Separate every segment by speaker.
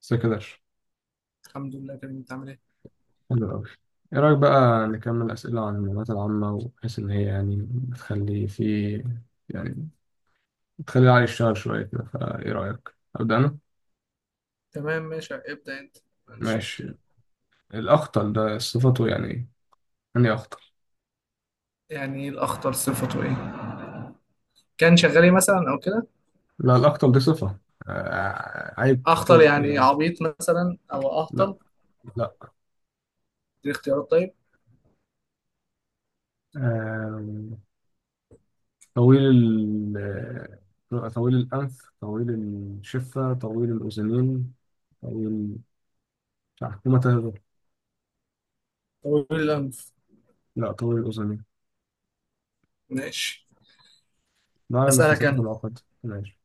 Speaker 1: سكدر.
Speaker 2: الحمد لله كريم، انت عامل ايه؟
Speaker 1: حلو أوي. إيه رأيك بقى نكمل أسئلة عن المعلومات العامة، وبحيث إن هي يعني بتخلي في يعني بتخلي العقل يشتغل شوية كده؟ فإيه رأيك؟ أبدأ أنا؟
Speaker 2: تمام ماشي، ابدأ انت، ما عنديش مشكلة.
Speaker 1: ماشي. الأخطل ده صفته يعني إيه؟ يعني إيه أخطل؟
Speaker 2: يعني ايه الأخطل؟ صفته ايه؟ كان شغال ايه مثلا او كده؟
Speaker 1: لا، الأخطل دي صفة. آه، عيب
Speaker 2: أخطل
Speaker 1: خلقي
Speaker 2: يعني
Speaker 1: يعني.
Speaker 2: عبيط مثلا او
Speaker 1: لا،
Speaker 2: أهطل؟
Speaker 1: لا.
Speaker 2: دي اختيارات طيب.
Speaker 1: آه طويل ال آه، طويل الأنف، طويل الشفة، طويل الأذنين، طويل بتاع حكومة تهدر.
Speaker 2: طويل الأنف.
Speaker 1: لا، طويل الأذنين.
Speaker 2: ماشي.
Speaker 1: نوع على
Speaker 2: أسألك
Speaker 1: نفساته في
Speaker 2: أنا.
Speaker 1: العقد. ماشي.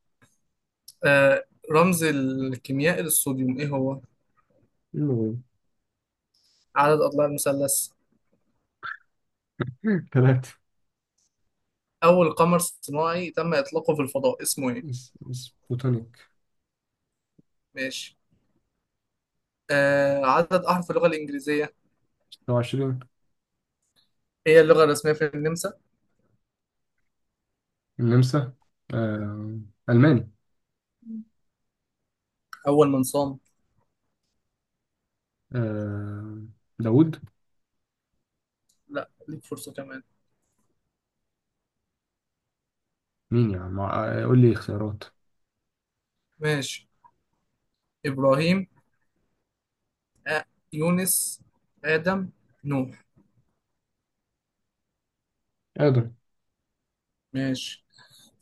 Speaker 2: آه رمز الكيميائي للصوديوم ايه هو؟
Speaker 1: المهم.
Speaker 2: عدد أضلاع المثلث؟
Speaker 1: ثلاثة.
Speaker 2: أول قمر صناعي تم إطلاقه في الفضاء اسمه ايه؟
Speaker 1: سبوتونيك.
Speaker 2: ماشي. عدد أحرف اللغة الإنجليزية؟
Speaker 1: لو 20.
Speaker 2: هي اللغة الرسمية في النمسا؟
Speaker 1: النمسا. آه. ألماني.
Speaker 2: أول من صام؟
Speaker 1: آه. داوود.
Speaker 2: لا ليك فرصة كمان.
Speaker 1: مين يا عم؟ قول لي اختيارات.
Speaker 2: ماشي. إبراهيم، آه، يونس، آدم، نوح.
Speaker 1: آدم.
Speaker 2: ماشي.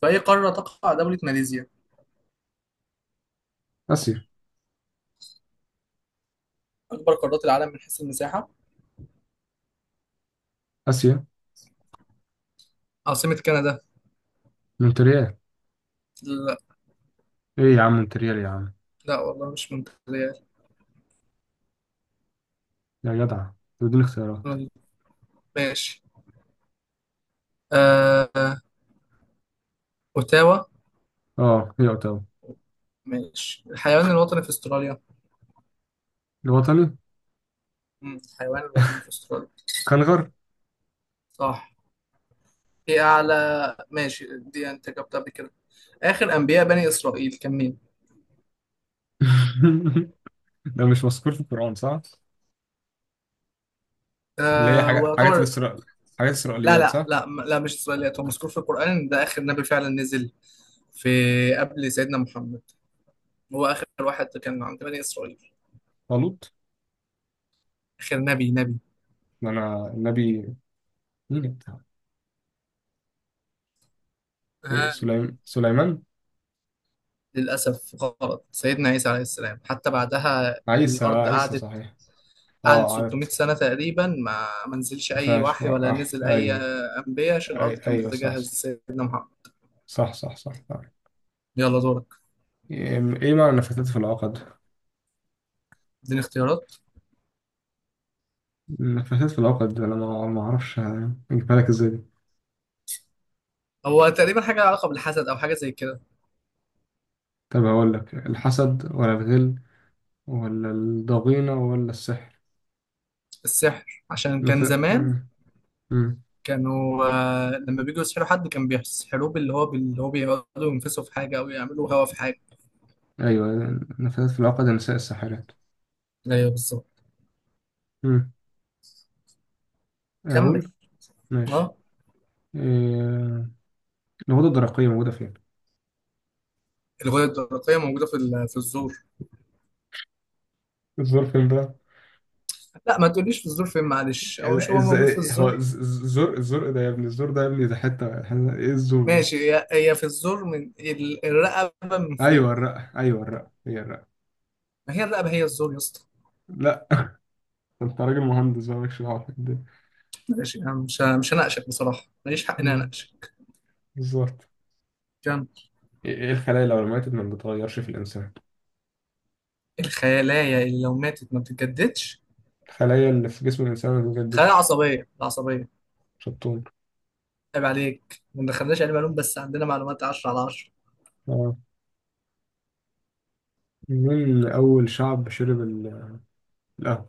Speaker 2: في أي قارة تقع دولة ماليزيا؟
Speaker 1: آسيا.
Speaker 2: أكبر قارات العالم من حيث المساحة؟
Speaker 1: آسيا.
Speaker 2: عاصمة كندا؟
Speaker 1: مونتريال.
Speaker 2: لا.
Speaker 1: إيه يا عم، مونتريال يا عم.
Speaker 2: لا والله مش مونتريال.
Speaker 1: يا جدع. بدون اختيارات.
Speaker 2: ماشي. آه... أوتاوا.
Speaker 1: اه، هي اوتاوا.
Speaker 2: ماشي، الحيوان الوطني في أستراليا؟
Speaker 1: الوطني.
Speaker 2: الحيوان الوطني في أستراليا؟
Speaker 1: كنغر.
Speaker 2: صح. إيه أعلى. ماشي، دي أنت جبتها قبل كده. آخر أنبياء بني إسرائيل كان مين؟
Speaker 1: ده مش مذكور في القرآن صح؟ اللي هي حاجات حاجات
Speaker 2: ويعتبر.
Speaker 1: الإسرائيل حاجات
Speaker 2: لا
Speaker 1: إسرائيليات
Speaker 2: لا
Speaker 1: صح؟
Speaker 2: لا لا، مش إسرائيليات، هو مذكور في القرآن، ده آخر نبي فعلا نزل في، قبل سيدنا محمد، هو آخر واحد كان عند بني إسرائيل.
Speaker 1: طالوت.
Speaker 2: آخر نبي نبي.
Speaker 1: ده أنا النبي، مين أنت؟ إيه
Speaker 2: ها.
Speaker 1: سليمان.
Speaker 2: للأسف غلط، سيدنا عيسى عليه السلام، حتى بعدها الأرض
Speaker 1: عيسى
Speaker 2: قعدت
Speaker 1: صحيح.
Speaker 2: قعدت
Speaker 1: اه،
Speaker 2: 600
Speaker 1: عرفت.
Speaker 2: سنة تقريبا، ما نزلش أي وحي ولا نزل أي
Speaker 1: ايوه.
Speaker 2: أنبياء، عشان الأرض كانت
Speaker 1: ايوه صح
Speaker 2: بتتجهز لسيدنا محمد.
Speaker 1: صح صح صح، صح. صح.
Speaker 2: يلا دورك.
Speaker 1: ايه إيه معنى نفثت في العقد؟
Speaker 2: اديني اختيارات.
Speaker 1: نفثت في العقد، انا ما اعرفش. اجيبها لك ازاي دي.
Speaker 2: هو تقريبا حاجة لها علاقة بالحسد أو حاجة زي كده.
Speaker 1: طب هقول لك الحسد، ولا الغل، ولا الضغينة، ولا السحر.
Speaker 2: السحر، عشان
Speaker 1: نف...
Speaker 2: كان زمان
Speaker 1: مم. مم.
Speaker 2: كانوا، لما بيجوا يسحلوا حد كان بيسحلوه باللي هو بيقعدوا ينفسوا في حاجه او يعملوا هوا في حاجه.
Speaker 1: ايوه. نفثت في العقد، نساء الساحرات.
Speaker 2: ايوه بالظبط.
Speaker 1: مم.
Speaker 2: كمل.
Speaker 1: اقول. ماشي.
Speaker 2: اه
Speaker 1: إيه... الغدة الدرقية موجودة فين؟
Speaker 2: الغده الدرقيه موجوده في الزور.
Speaker 1: الظرف ده.
Speaker 2: لا ما تقوليش في الزور فين، معلش، هو مش هو موجود في
Speaker 1: ازاي هو
Speaker 2: الزور.
Speaker 1: الزرق، الزرق ده يا ابني، الزرق ده يا ابني. ده ايه الزرق ده؟
Speaker 2: ماشي، هي في الزور، الرقبه من فوق.
Speaker 1: ايوه الرق، ايوه الرق، هي الرق.
Speaker 2: ما هي الرقبه هي الزور يا اسطى.
Speaker 1: لا. انت راجل مهندس بقى مالكش دعوه بالدنيا.
Speaker 2: ماشي، انا مش هناقشك بصراحه، ماليش حق ان انا
Speaker 1: مم،
Speaker 2: اناقشك.
Speaker 1: بالظبط.
Speaker 2: كمل.
Speaker 1: إيه الخلايا لو ماتت ما بتتغيرش في الانسان؟
Speaker 2: الخلايا اللي لو ماتت ما بتتجددش؟
Speaker 1: الخلايا اللي في جسم الانسان ما
Speaker 2: خلايا
Speaker 1: بتجددش.
Speaker 2: عصبيه، العصبيه.
Speaker 1: شطون.
Speaker 2: عيب عليك، ما دخلناش علم علوم، بس عندنا معلومات 10 على 10.
Speaker 1: اه. مين اول شعب شرب القهوه؟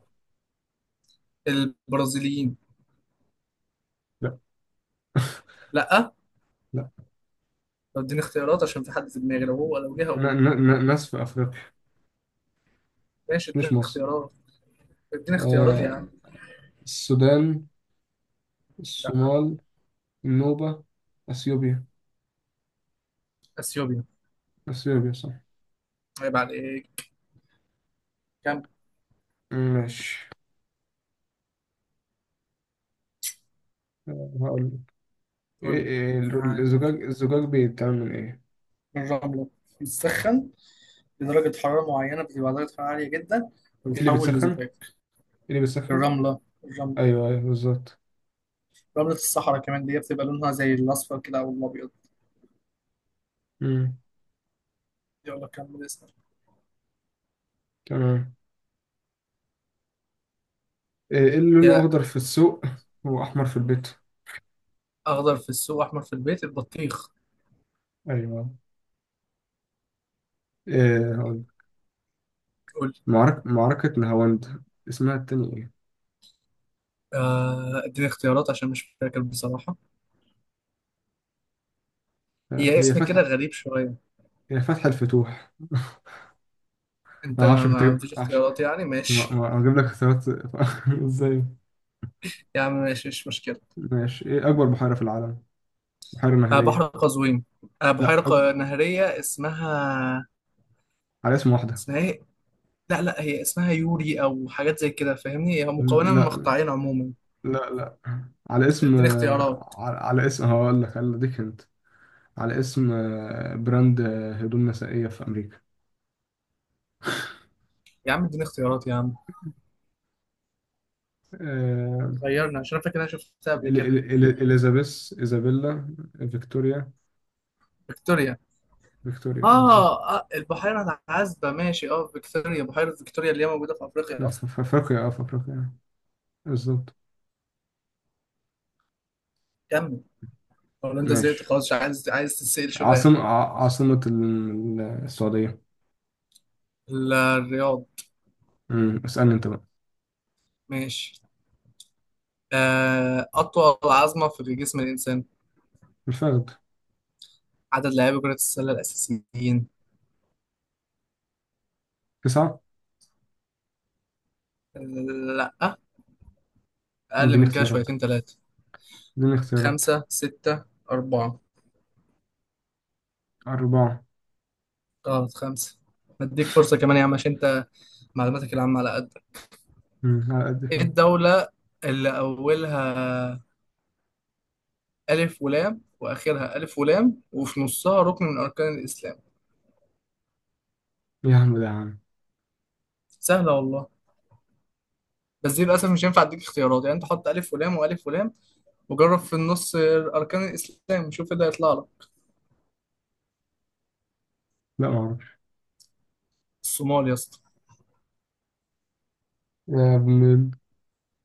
Speaker 2: البرازيليين.
Speaker 1: لا،
Speaker 2: لا.
Speaker 1: لا.
Speaker 2: طب اديني اختيارات، عشان في حد في دماغي لو هو لو جه هقوله.
Speaker 1: ناس في افريقيا.
Speaker 2: ماشي،
Speaker 1: مش
Speaker 2: اديني
Speaker 1: مصر.
Speaker 2: اختيارات. اديني اختيارات يا
Speaker 1: آه
Speaker 2: عم.
Speaker 1: السودان،
Speaker 2: لا.
Speaker 1: الصومال، النوبه، اثيوبيا.
Speaker 2: اثيوبيا.
Speaker 1: اثيوبيا صح.
Speaker 2: عيب عليك. كم.
Speaker 1: ماشي. هقول لك.
Speaker 2: قول لي. يعني
Speaker 1: الزجاج بيتعمل من ايه؟
Speaker 2: الرملة بتسخن لدرجة حرارة معينة، بتبقى درجة حرارة عالية جدا،
Speaker 1: ايه اللي
Speaker 2: وبتتحول
Speaker 1: بيتسخن؟ ايه
Speaker 2: لزجاج.
Speaker 1: اللي بيتسخن؟
Speaker 2: الرملة.
Speaker 1: ايوه، ايوه، بالظبط.
Speaker 2: رملة الصحراء كمان دي بتبقى لونها زي الأصفر كده أو الأبيض.
Speaker 1: امم
Speaker 2: يلا كمل اسمك.
Speaker 1: تمام. إيه اللي لونه
Speaker 2: يا
Speaker 1: اخضر في السوق واحمر في البيت؟
Speaker 2: اخضر في السوق احمر في البيت، البطيخ.
Speaker 1: ايوه. ايه هقول لك.
Speaker 2: قول لي.
Speaker 1: معركة نهاوند، اسمها التاني ايه؟
Speaker 2: اديني اختيارات عشان مش فاكر بصراحة. هي
Speaker 1: هي
Speaker 2: اسم كده
Speaker 1: فتحة.
Speaker 2: غريب شوية.
Speaker 1: هي فتح الفتوح. ما
Speaker 2: انت
Speaker 1: اعرفش، كنت
Speaker 2: ما
Speaker 1: اجيب
Speaker 2: فيش
Speaker 1: معرفش.
Speaker 2: اختيارات يعني، ماشي.
Speaker 1: هجيب لك اختيارات. ازاي؟
Speaker 2: يا عم ماشي مش مشكلة.
Speaker 1: ماشي. ايه اكبر بحيرة في العالم؟ بحيرة
Speaker 2: آه بحر
Speaker 1: نهرية.
Speaker 2: قزوين.
Speaker 1: لا، أكبر.
Speaker 2: نهرية اسمها.
Speaker 1: على اسم واحدة.
Speaker 2: اسمها ايه؟ لا هي اسمها يوري او حاجات زي كده فاهمني، هي مكونة من
Speaker 1: لا،
Speaker 2: مقطعين عموما.
Speaker 1: لا، لا. على اسم.
Speaker 2: اديني اختيارات
Speaker 1: على اسم هقول لك، انا اديك انت. على اسم براند، هدوم نسائية في أمريكا.
Speaker 2: يا عم. اديني اختيارات يا عم.
Speaker 1: آه.
Speaker 2: غيرنا، عشان أنا فاكر إن انا شفتها قبل كده.
Speaker 1: إليزابيث، إيزابيلا، فيكتوريا.
Speaker 2: فيكتوريا.
Speaker 1: فيكتوريا بالظبط.
Speaker 2: اه، البحيرة العذبة، ماشي، اه فيكتوريا، بحيرة فيكتوريا اللي هي موجودة في افريقيا اصلا.
Speaker 1: في أفريقيا. آه. بالظبط.
Speaker 2: كمل. ولا انت زهقت
Speaker 1: ماشي.
Speaker 2: خلاص، مش عايز عايز تتسأل شوية؟
Speaker 1: عاصمة السعودية.
Speaker 2: الرياض.
Speaker 1: مم، اسألني أنت بقى.
Speaker 2: ماشي. أطول عظمة في جسم الإنسان؟
Speaker 1: الفخد.
Speaker 2: عدد لاعبي كرة السلة الأساسيين؟
Speaker 1: تسعة.
Speaker 2: آه، لأ، أقل
Speaker 1: اديني
Speaker 2: من كده
Speaker 1: اختيارات.
Speaker 2: شويتين تلاتة.
Speaker 1: اديني اختيارات.
Speaker 2: خمسة، ستة، أربعة
Speaker 1: أربعة.
Speaker 2: غلط، خمسة. مديك فرصة كمان يا عم، عشان أنت معلوماتك العامة على قد.
Speaker 1: مم، على قد
Speaker 2: إيه
Speaker 1: كده.
Speaker 2: الدولة اللي أولها ألف ولام، وآخرها ألف ولام، وفي نصها ركن من أركان الإسلام؟
Speaker 1: يا عم ده يا عم.
Speaker 2: سهلة والله، بس دي للأسف مش هينفع أديك اختيارات، يعني أنت حط ألف ولام وألف ولام، وجرب في النص أركان الإسلام، وشوف إيه اللي هيطلع لك.
Speaker 1: لا معرفش.
Speaker 2: الصومال يا اسطى.
Speaker 1: يا ابن ال-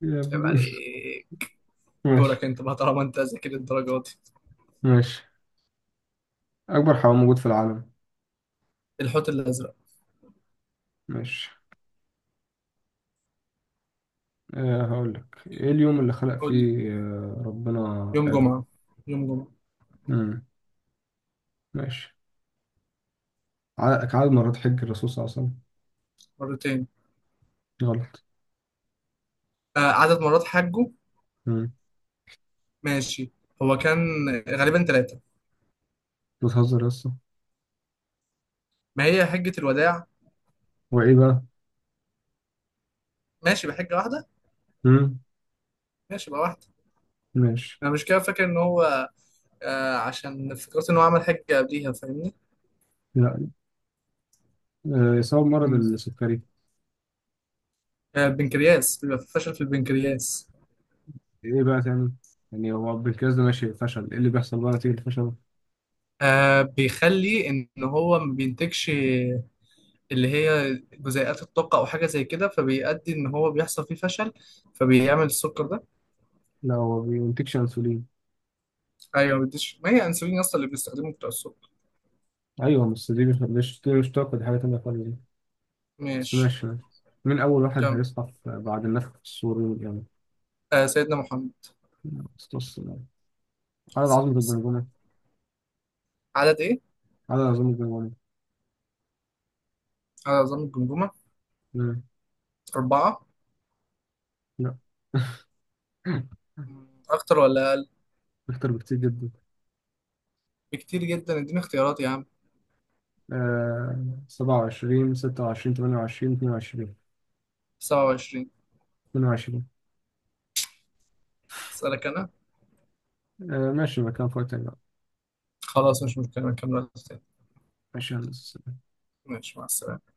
Speaker 1: يا
Speaker 2: عيب
Speaker 1: ابن
Speaker 2: عليك. دورك
Speaker 1: ماشي.
Speaker 2: انت بقى طالما انت ذاكر الدرجات دي.
Speaker 1: ماشي. أكبر حيوان موجود في العالم.
Speaker 2: الحوت الازرق.
Speaker 1: ماشي. هقول لك إيه اليوم اللي خلق
Speaker 2: قول لي.
Speaker 1: فيه ربنا
Speaker 2: يوم
Speaker 1: آدم.
Speaker 2: جمعه. يوم جمعه.
Speaker 1: مم. ماشي. عدد مرات حج الرسول صلى الله عليه وسلم.
Speaker 2: مرتين.
Speaker 1: غلط.
Speaker 2: آه عدد مرات حجه.
Speaker 1: مم.
Speaker 2: ماشي، هو كان غالبا ثلاثه.
Speaker 1: بتهزر لسه.
Speaker 2: ما هي حجه الوداع.
Speaker 1: هو إيه بقى؟
Speaker 2: ماشي، بحجه واحده.
Speaker 1: مم.
Speaker 2: ماشي، بقى واحده.
Speaker 1: ماشي.
Speaker 2: انا مش كده فاكر ان هو، عشان فكرت ان هو عمل حجه قبليها فاهمني.
Speaker 1: لا. سبب مرض
Speaker 2: مم.
Speaker 1: السكري.
Speaker 2: آه البنكرياس، بيبقى في فشل في البنكرياس.
Speaker 1: إيه بقى تاني؟ يعني هو بالكاس ده ماشي فشل، إيه اللي بيحصل بقى نتيجة الفشل؟
Speaker 2: آه بيخلي ان هو ما بينتجش اللي هي جزيئات الطاقة أو حاجة زي كده، فبيؤدي إن هو بيحصل فيه فشل، فبيعمل السكر ده.
Speaker 1: لا، هو بينتجش أنسولين.
Speaker 2: أيوه، ما بديش، ما هي أنسولين أصلا اللي بنستخدمه بتاع السكر.
Speaker 1: أيوه، بس دي مش طاقة، دي حاجة تانية خالص. بس
Speaker 2: ماشي.
Speaker 1: ماشي، ماشي. مين أول واحد
Speaker 2: كمل.
Speaker 1: هيصحى بعد النفخ الصوري يعني؟
Speaker 2: آه سيدنا محمد
Speaker 1: أسطس.
Speaker 2: عليه
Speaker 1: عدد
Speaker 2: الصلاة
Speaker 1: عظمة
Speaker 2: والسلام.
Speaker 1: الجمجمة.
Speaker 2: عدد إيه؟
Speaker 1: عدد عظمة الجمجمة.
Speaker 2: عدد عظام الجمجمة.
Speaker 1: مم.
Speaker 2: أربعة.
Speaker 1: لا.
Speaker 2: أكتر ولا أقل؟
Speaker 1: أكتر بكتير جدا.
Speaker 2: بكتير جدا، إديني اختيارات يا عم.
Speaker 1: 27، 26، 28، 22.
Speaker 2: سبعة وعشرين.
Speaker 1: 22.
Speaker 2: أسألك أنا.
Speaker 1: ماشي، مكان فوق تاني بقى.
Speaker 2: خلاص مش مشكلة، نكمل وقت تاني.
Speaker 1: ماشي يا هندسة.
Speaker 2: ماشي مع السلامة.